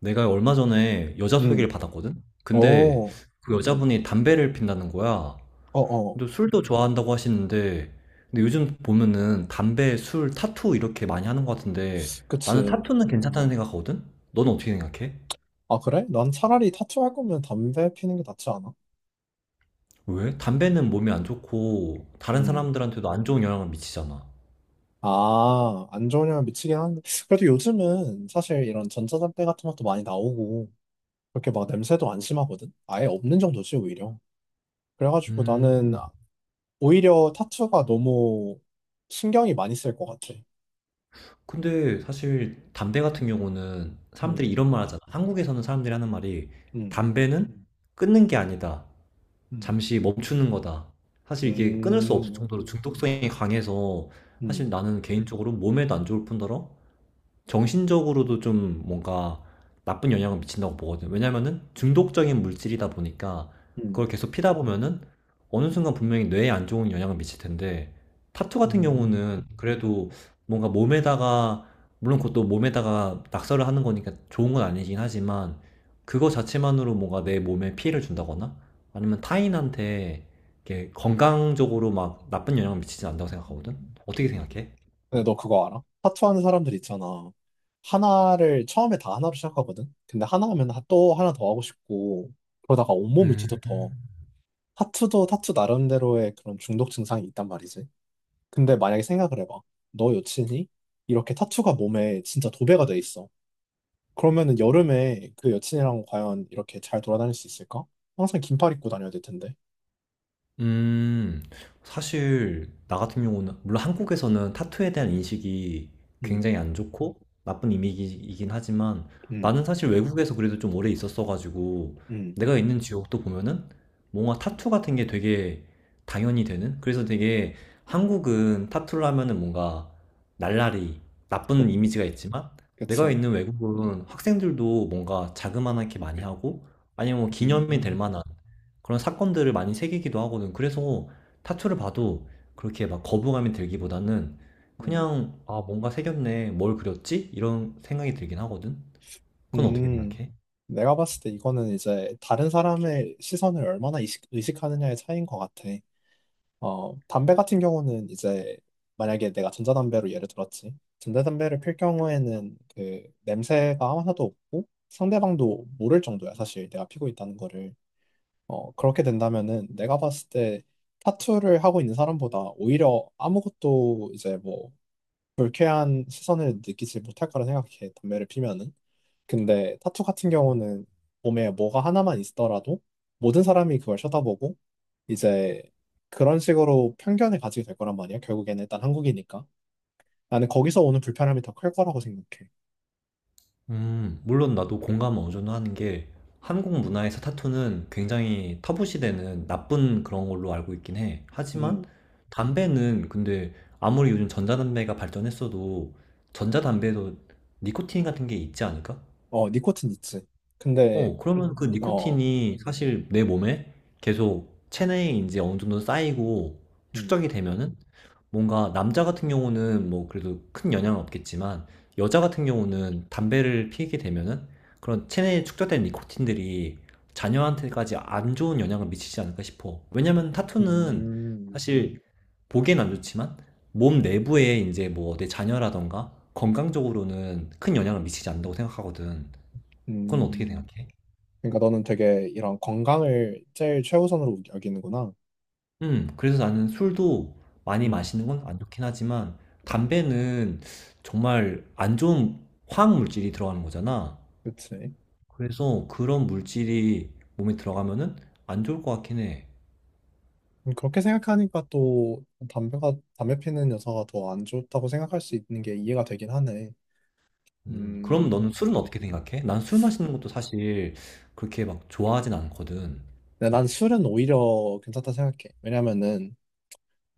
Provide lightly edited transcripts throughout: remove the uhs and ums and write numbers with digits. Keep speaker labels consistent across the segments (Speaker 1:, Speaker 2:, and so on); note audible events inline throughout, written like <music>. Speaker 1: 내가 얼마 전에 여자 소개를
Speaker 2: 음.
Speaker 1: 받았거든?
Speaker 2: 어.
Speaker 1: 근데
Speaker 2: 어.
Speaker 1: 그 여자분이 담배를 핀다는 거야.
Speaker 2: 어.
Speaker 1: 근데 술도 좋아한다고 하시는데, 근데 요즘 보면은 담배, 술, 타투 이렇게 많이 하는 것 같은데, 나는
Speaker 2: 그치.
Speaker 1: 타투는 괜찮다는 생각하거든? 너는 어떻게 생각해?
Speaker 2: 아, 그래? 난 차라리 타투 할 거면 담배 피는 게 낫지 않아?
Speaker 1: 왜? 담배는 몸에 안 좋고, 다른
Speaker 2: 음.
Speaker 1: 사람들한테도 안 좋은 영향을 미치잖아.
Speaker 2: 아, 안 좋은 영향 미치긴 하는데. 그래도 요즘은 사실 이런 전자담배 같은 것도 많이 나오고, 그렇게 막 냄새도 안 심하거든? 아예 없는 정도지, 오히려. 그래가지고 나는
Speaker 1: 음.
Speaker 2: 오히려 타투가 너무 신경이 많이 쓸 것 같아.
Speaker 1: 근데 사실 담배 같은 경우는
Speaker 2: 음.
Speaker 1: 사람들이 이런 말 하잖아. 한국에서는 사람들이 하는 말이
Speaker 2: 음.
Speaker 1: 담배는 끊는 게 아니다.
Speaker 2: 음.
Speaker 1: 잠시 멈추는 거다. 사실 이게 끊을 수 없을
Speaker 2: 음.
Speaker 1: 정도로 중독성이 강해서 사실
Speaker 2: 음.
Speaker 1: 나는 개인적으로 몸에도 안 좋을 뿐더러 정신적으로도 좀 뭔가 나쁜 영향을 미친다고 보거든요. 왜냐면은 중독적인 물질이다 보니까 그걸 계속 피다 보면은 어느 순간 분명히 뇌에 안 좋은 영향을 미칠 텐데 타투 같은
Speaker 2: 음.
Speaker 1: 경우는 그래도 뭔가 몸에다가 물론 그것도 몸에다가 낙서를 하는 거니까 좋은 건 아니긴 하지만 그거 자체만으로 뭔가 내 몸에 피해를 준다거나 아니면 타인한테 이렇게 건강적으로 막 나쁜 영향을 미치진 않다고 생각하거든.
Speaker 2: 음.
Speaker 1: 어떻게 생각해?
Speaker 2: 근데 너 그거 알아? 타투 하는 사람들 있잖아. 하나를 처음에 다 하나로 시작하거든. 근데 하나 하면 또 하나 더 하고 싶고 그러다가 온몸을
Speaker 1: 음.
Speaker 2: 뒤덮어. 타투도 타투 나름대로의 그런 중독 증상이 있단 말이지. 근데 만약에 생각을 해봐. 너 여친이 이렇게 타투가 몸에 진짜 도배가 돼 있어. 그러면은 여름에 그 여친이랑 과연 이렇게 잘 돌아다닐 수 있을까? 항상 긴팔 입고 다녀야 될 텐데.
Speaker 1: 음. 사실 나 같은 경우는 물론 한국에서는 타투에 대한 인식이
Speaker 2: 음.
Speaker 1: 굉장히 안 좋고 나쁜 이미지이긴 하지만
Speaker 2: 음.
Speaker 1: 나는 사실 외국에서 그래도 좀 오래 있었어가지고
Speaker 2: 음.
Speaker 1: 내가 있는 지역도 보면은 뭔가 타투 같은 게 되게 당연히 되는 그래서 되게 한국은 타투를 하면은 뭔가 날라리
Speaker 2: 그,
Speaker 1: 나쁜 이미지가 있지만 내가
Speaker 2: 그치.
Speaker 1: 있는 외국은 학생들도 뭔가 자그만하게 많이 하고 아니면 뭐
Speaker 2: 음.
Speaker 1: 기념이 될
Speaker 2: 음.
Speaker 1: 만한 그런 사건들을 많이 새기기도 하거든. 그래서 타투를 봐도 그렇게 막 거부감이 들기보다는
Speaker 2: 음.
Speaker 1: 그냥 아, 뭔가 새겼네. 뭘 그렸지? 이런 생각이 들긴 하거든. 그건 어떻게
Speaker 2: 음,
Speaker 1: 생각해?
Speaker 2: 내가 봤을 때 이거는 이제 다른 사람의 시선을 얼마나 의식하느냐의 차이인 것 같아. 담배 같은 경우는 이제 만약에 내가 전자담배로 예를 들었지. 전자담배를 필 경우에는 그 냄새가 하나도 없고 상대방도 모를 정도야, 사실 내가 피고 있다는 거를. 그렇게 된다면은 내가 봤을 때 타투를 하고 있는 사람보다 오히려 아무것도 이제 뭐 불쾌한 시선을 느끼지 못할 거라 생각해, 담배를 피면은. 근데 타투 같은 경우는 몸에 뭐가 하나만 있더라도 모든 사람이 그걸 쳐다보고 이제 그런 식으로 편견을 가지게 될 거란 말이야. 결국에는 일단 한국이니까. 나는 거기서 오는 불편함이 더 클 거라고 생각해.
Speaker 1: 물론 나도 공감은 어느 정도 하는 게 한국 문화에서 타투는 굉장히 터부시되는 나쁜 그런 걸로 알고 있긴 해. 하지만
Speaker 2: 음.
Speaker 1: 담배는 근데 아무리 요즘 전자담배가 발전했어도 전자담배도 니코틴 같은 게 있지 않을까?
Speaker 2: 어, 니코틴 있지. 근데.
Speaker 1: 그러면 그
Speaker 2: 어.
Speaker 1: 니코틴이 사실 내 몸에 계속 체내에 이제 어느 정도 쌓이고
Speaker 2: 음.
Speaker 1: 축적이 되면은 뭔가 남자 같은 경우는 뭐 그래도 큰 영향은 없겠지만 여자 같은 경우는 담배를 피게 되면은 그런 체내에 축적된 니코틴들이 자녀한테까지 안 좋은 영향을 미치지 않을까 싶어. 왜냐면 타투는
Speaker 2: 음.
Speaker 1: 사실 보기엔 안 좋지만 몸 내부에 이제 뭐 내 자녀라던가 건강적으로는 큰 영향을 미치지 않는다고 생각하거든. 그건 어떻게
Speaker 2: 음.
Speaker 1: 생각해?
Speaker 2: 그러니까 너는 되게 이런 건강을 제일 최우선으로 여기는구나.
Speaker 1: 그래서 나는 술도 많이
Speaker 2: 음,
Speaker 1: 마시는 건 안 좋긴 하지만 담배는 정말 안 좋은 화학 물질이 들어가는 거잖아.
Speaker 2: 그치.
Speaker 1: 그래서 그런 물질이 몸에 들어가면은 안 좋을 것 같긴 해.
Speaker 2: 그렇게 생각하니까 또 담배가 담배 피는 여자가 더 안 좋다고 생각할 수 있는 게 이해가 되긴 하네.
Speaker 1: 그럼
Speaker 2: 음,
Speaker 1: 너는 술은 어떻게 생각해? 난 술 마시는 것도 사실 그렇게 막 좋아하진 않거든.
Speaker 2: 근데 난 술은 오히려 괜찮다 생각해. 왜냐면은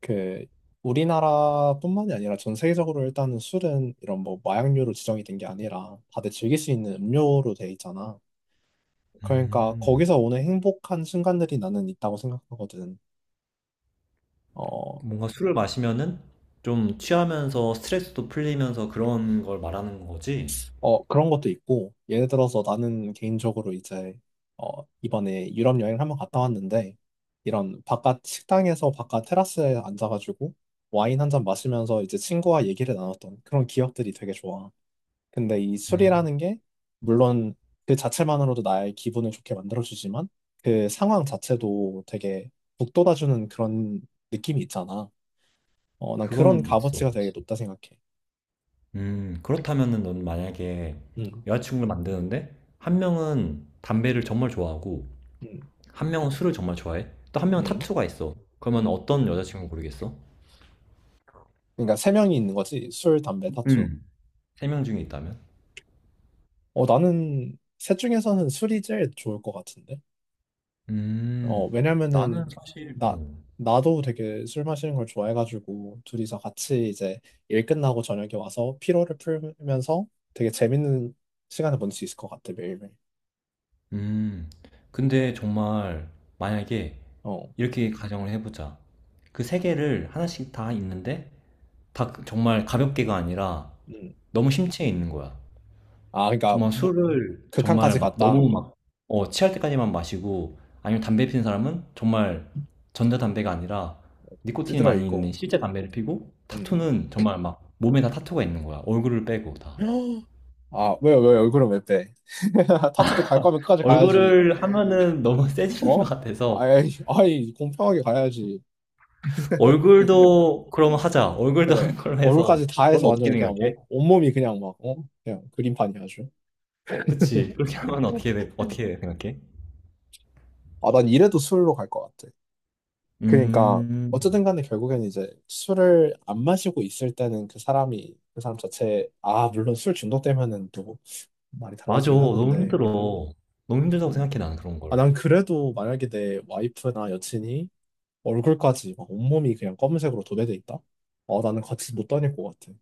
Speaker 2: 그 우리나라뿐만이 아니라 전 세계적으로 일단은 술은 이런 뭐 마약류로 지정이 된 게 아니라 다들 즐길 수 있는 음료로 돼 있잖아. 그러니까
Speaker 1: 음,
Speaker 2: 거기서 오는 행복한 순간들이 나는 있다고 생각하거든. 어,
Speaker 1: 뭔가 술을 마시면은 좀 취하면서 스트레스도 풀리면서 그런 걸 말하는 거지.
Speaker 2: 그런 것도 있고, 예를 들어서 나는 개인적으로 이제, 이번에 유럽 여행을 한번 갔다 왔는데, 이런 바깥 식당에서 바깥 테라스에 앉아가지고 와인 한 잔 마시면서 이제 친구와 얘기를 나눴던 그런 기억들이 되게 좋아. 근데 이
Speaker 1: 음,
Speaker 2: 술이라는 게, 물론 그 자체만으로도 나의 기분을 좋게 만들어주지만, 그 상황 자체도 되게 북돋아주는 그런 느낌이 있잖아. 난 그런
Speaker 1: 그건 있어.
Speaker 2: 값어치가 되게 높다 생각해.
Speaker 1: 그렇다면은 넌 만약에
Speaker 2: 음.
Speaker 1: 여자친구를 만드는데 한 명은 담배를 정말 좋아하고
Speaker 2: 음.
Speaker 1: 한 명은 술을 정말 좋아해. 또 한 명은
Speaker 2: 음.
Speaker 1: 타투가 있어. 그러면
Speaker 2: 음.
Speaker 1: 어떤 여자친구 고르겠어?
Speaker 2: 그러니까 세 명이 있는 거지. 술, 담배, 타투.
Speaker 1: 음. 세 명 중에 있다면?
Speaker 2: 나는 셋 중에서는 술이 제일 좋을 것 같은데.
Speaker 1: 음, 나는
Speaker 2: 왜냐면은
Speaker 1: 사실,
Speaker 2: 나
Speaker 1: 어,
Speaker 2: 나도 되게 술 마시는 걸 좋아해가지고 둘이서 같이 이제 일 끝나고 저녁에 와서 피로를 풀면서 되게 재밌는 시간을 보낼 수 있을 것 같아 매일매일.
Speaker 1: 음, 근데 정말 만약에
Speaker 2: 어.
Speaker 1: 이렇게 가정을 해보자. 그 세 개를 하나씩 다 있는데 다 정말 가볍게가 아니라
Speaker 2: 음.
Speaker 1: 너무 심취해 있는 거야.
Speaker 2: 아, 그러니까
Speaker 1: 정말
Speaker 2: 뭐,
Speaker 1: 술을 정말
Speaker 2: 극한까지
Speaker 1: 막
Speaker 2: 갔다
Speaker 1: 너무 막 취할 때까지만 마시고 아니면 담배 피는 사람은 정말 전자담배가 아니라 니코틴이
Speaker 2: 찌들어
Speaker 1: 많이
Speaker 2: 있고.
Speaker 1: 있는 실제 담배를 피고
Speaker 2: 음.
Speaker 1: 타투는 정말 막 몸에 다 타투가 있는 거야. 얼굴을 빼고 다.
Speaker 2: <gasps> 아, 왜요, 왜요? 얼굴은 왜 빼? <laughs> 타투도 갈 거면 끝까지 가야지.
Speaker 1: 얼굴을 하면은 너무 <laughs> 세지는 것
Speaker 2: 어?
Speaker 1: 같아서
Speaker 2: 아이, 아이, 공평하게 가야지.
Speaker 1: 얼굴도 그럼 하자. 얼굴도 하는
Speaker 2: 그래.
Speaker 1: 걸로 해서
Speaker 2: 얼굴까지 다
Speaker 1: 넌
Speaker 2: 해서
Speaker 1: 어떻게
Speaker 2: 완전 그냥
Speaker 1: 생각해?
Speaker 2: 온몸이 그냥 막, 어? 그냥 그림판이 아주.
Speaker 1: 그치. 그렇게 하면 어떻게, 어떻게 생각해?
Speaker 2: 아, 난 이래도 술로 갈 것 같아. 그러니까,
Speaker 1: 음,
Speaker 2: 어쨌든 간에 결국엔 이제 술을 안 마시고 있을 때는 그 사람 자체, 아, 물론 술 중독되면은 또 말이
Speaker 1: 맞아.
Speaker 2: 달라지긴
Speaker 1: 너무
Speaker 2: 하는데.
Speaker 1: 힘들어. 너무 힘들다고
Speaker 2: 음.
Speaker 1: 생각해, 나는 그런
Speaker 2: 아,
Speaker 1: 걸.
Speaker 2: 난 그래도 만약에 내 와이프나 여친이 얼굴까지 막 온몸이 그냥 검은색으로 도배돼 있다? 나는 같이 못 다닐 것 같아.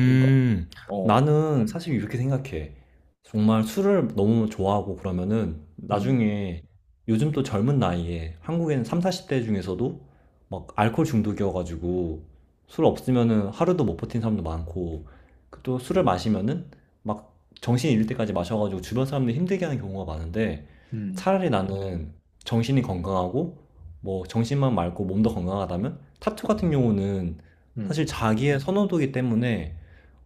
Speaker 2: 그러니까, 어.
Speaker 1: 나는 사실 이렇게 생각해. 정말 술을 너무 좋아하고 그러면은
Speaker 2: 음.
Speaker 1: 나중에 요즘 또 젊은 나이에 한국에는 3, 40대 중에서도 막 알코올 중독이어가지고 술 없으면은 하루도 못 버틴 사람도 많고 그또 술을 마시면은 막 정신이 잃을 때까지 마셔가지고 주변 사람들 힘들게 하는 경우가 많은데
Speaker 2: 음.
Speaker 1: 차라리 나는 정신이 건강하고 뭐 정신만 맑고 몸도 건강하다면 타투 같은 경우는
Speaker 2: 음.
Speaker 1: 사실 자기의 선호도이기 때문에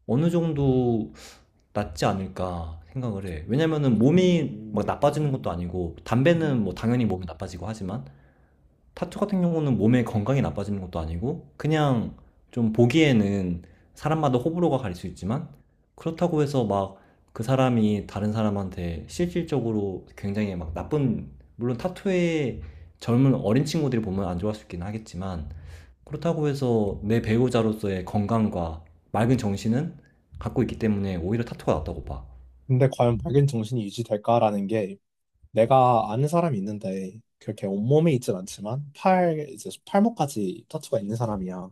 Speaker 1: 어느 정도 낫지 않을까 생각을 해. 왜냐면은 몸이 막
Speaker 2: 음.
Speaker 1: 나빠지는 것도 아니고,
Speaker 2: 음.
Speaker 1: 담배는 뭐 당연히 몸이 나빠지고 하지만, 타투 같은 경우는 몸의 건강이 나빠지는 것도 아니고, 그냥 좀 보기에는 사람마다 호불호가 갈릴 수 있지만, 그렇다고 해서 막 그 사람이 다른 사람한테 실질적으로 굉장히 막 나쁜, 물론 타투에 젊은 어린 친구들이 보면 안 좋아할 수 있긴 하겠지만, 그렇다고 해서 내 배우자로서의 건강과 맑은 정신은 갖고 있기 때문에 오히려 타투가 낫다고 봐.
Speaker 2: 근데 과연 밝은 정신이 유지될까라는 게 내가 아는 사람이 있는데 그렇게 온몸에 있진 않지만 이제 팔목까지 타투가 있는 사람이야.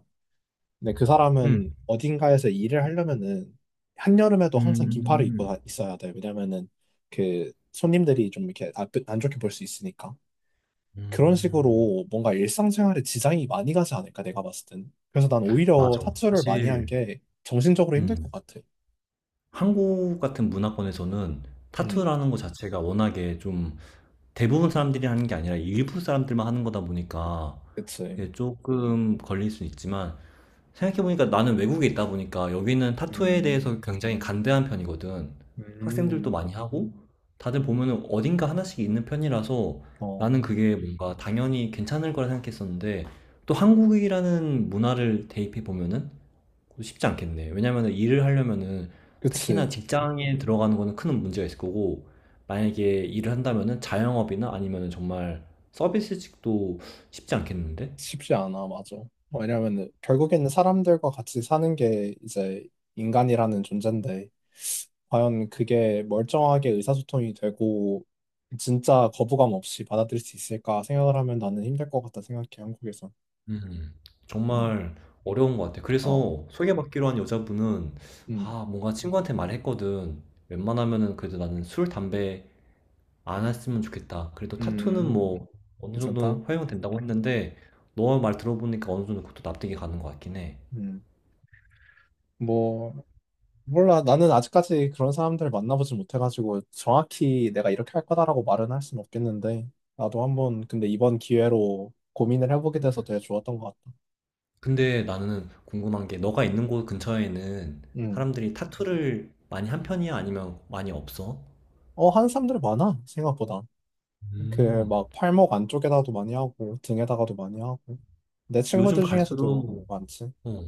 Speaker 2: 근데 그
Speaker 1: 음,
Speaker 2: 사람은 어딘가에서 일을 하려면은 한여름에도 항상 긴팔을 입고
Speaker 1: 음,
Speaker 2: 있어야 돼. 왜냐면은 그 손님들이 좀 이렇게 안 좋게 볼 수 있으니까. 그런
Speaker 1: 음,
Speaker 2: 식으로 뭔가 일상생활에 지장이 많이 가지 않을까 내가 봤을 땐. 그래서 난 오히려
Speaker 1: 맞아.
Speaker 2: 타투를 많이 한
Speaker 1: 사실,
Speaker 2: 게 정신적으로 힘들 것
Speaker 1: 음,
Speaker 2: 같아.
Speaker 1: 한국 같은 문화권에서는
Speaker 2: 음.
Speaker 1: 타투라는 것 자체가 워낙에 좀 대부분 사람들이 하는 게 아니라 일부 사람들만 하는 거다 보니까
Speaker 2: 그치.
Speaker 1: 그게 조금 걸릴 수 있지만 생각해보니까 나는 외국에 있다 보니까 여기는 타투에 대해서
Speaker 2: 음.
Speaker 1: 굉장히 간대한 편이거든. 학생들도
Speaker 2: 음.
Speaker 1: 많이 하고, 다들 보면은 어딘가 하나씩 있는 편이라서
Speaker 2: 어,
Speaker 1: 나는 그게 뭔가 당연히 괜찮을 거라 생각했었는데, 또 한국이라는 문화를 대입해 보면은 쉽지 않겠네. 왜냐면은 일을 하려면은 특히나
Speaker 2: 그치.
Speaker 1: 직장에 들어가는 거는 큰 문제가 있을 거고, 만약에 일을 한다면은 자영업이나 아니면은 정말 서비스직도 쉽지 않겠는데?
Speaker 2: 쉽지 않아, 맞아. 왜냐면 결국에는 사람들과 같이 사는 게 이제 인간이라는 존재인데, 과연 그게 멀쩡하게 의사소통이 되고, 진짜 거부감 없이 받아들일 수 있을까 생각을 하면 나는 힘들 것 같다 생각해, 한국에서.
Speaker 1: 음.
Speaker 2: 음.
Speaker 1: 정말 어려운 것 같아.
Speaker 2: 어.
Speaker 1: 그래서 소개받기로 한 여자분은
Speaker 2: 음.
Speaker 1: 아, 뭔가 친구한테 말했거든. 웬만하면은 그래도 나는 술, 담배 안 했으면 좋겠다. 그래도 타투는
Speaker 2: 음,
Speaker 1: 뭐 어느
Speaker 2: 괜찮다.
Speaker 1: 정도 허용된다고 했는데 너 말 들어보니까 어느 정도 그것도 납득이 가는 것 같긴 해.
Speaker 2: 음, 뭐, 몰라, 나는 아직까지 그런 사람들을 만나보지 못해가지고 정확히 내가 이렇게 할 거다라고 말은 할 수는 없겠는데 나도 한번 근데 이번 기회로 고민을 해보게 돼서 되게 좋았던 것 같다.
Speaker 1: 근데 나는 궁금한 게 너가 있는 곳 근처에는
Speaker 2: 음.
Speaker 1: 사람들이 타투를 많이 한 편이야? 아니면 많이 없어?
Speaker 2: 어, 하는 사람들 많아, 생각보다. 그
Speaker 1: 음.
Speaker 2: 막 팔목 안쪽에다도 많이 하고 등에다가도 많이 하고 내
Speaker 1: 요즘
Speaker 2: 친구들 중에서도
Speaker 1: 갈수록
Speaker 2: 많지.
Speaker 1: 어,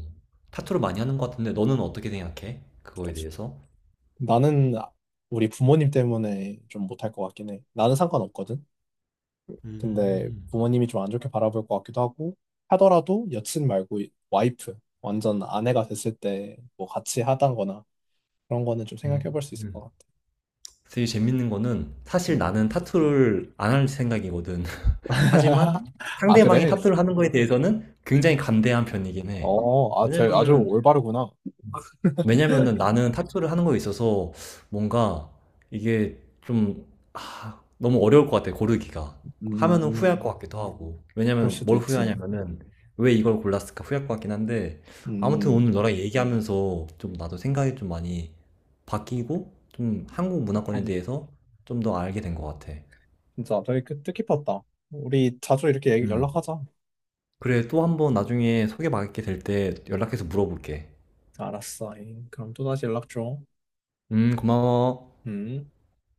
Speaker 1: 타투를 많이 하는 것 같은데 너는 어떻게 생각해? 그거에 대해서?
Speaker 2: 나는 우리 부모님 때문에 좀 못할 것 같긴 해. 나는 상관없거든. 근데
Speaker 1: 음,
Speaker 2: 부모님이 좀 안 좋게 바라볼 것 같기도 하고 하더라도 여친 말고 와이프 완전 아내가 됐을 때 뭐 같이 하다거나 그런 거는 좀 생각해
Speaker 1: 음,
Speaker 2: 볼 수 있을 것
Speaker 1: 음.
Speaker 2: 같아.
Speaker 1: 되게 재밌는 거는 사실
Speaker 2: 음.
Speaker 1: 나는 타투를 안 할 생각이거든. <laughs> 하지만
Speaker 2: <laughs> 아
Speaker 1: 상대방이
Speaker 2: 그래?
Speaker 1: 타투를 하는 거에 대해서는 굉장히 간대한 편이긴 해.
Speaker 2: 어, 아, 되 아주
Speaker 1: 왜냐면은
Speaker 2: 올바르구나.
Speaker 1: 나는 타투를 하는 거에 있어서 뭔가 이게 좀, 아, 너무 어려울 것 같아, 고르기가. 하면은 후회할
Speaker 2: 음,
Speaker 1: 것 같기도 하고.
Speaker 2: 그럴
Speaker 1: 왜냐면
Speaker 2: 수도
Speaker 1: 뭘
Speaker 2: 있지.
Speaker 1: 후회하냐면은 왜 이걸 골랐을까 후회할 것 같긴 한데 아무튼
Speaker 2: 음.
Speaker 1: 오늘 너랑 얘기하면서 좀 나도 생각이 좀 많이 바뀌고 좀 한국 문화권에
Speaker 2: 음.
Speaker 1: 대해서 좀 더 알게 된 것 같아.
Speaker 2: 진짜 되게 뜻깊었다. 우리 자주 이렇게
Speaker 1: 음.
Speaker 2: 연락하자.
Speaker 1: 그래, 또 한번 나중에 소개받게 될 때 연락해서 물어볼게.
Speaker 2: 알았어. 에이, 그럼 또 다시 연락 줘.
Speaker 1: 고마워.
Speaker 2: 음.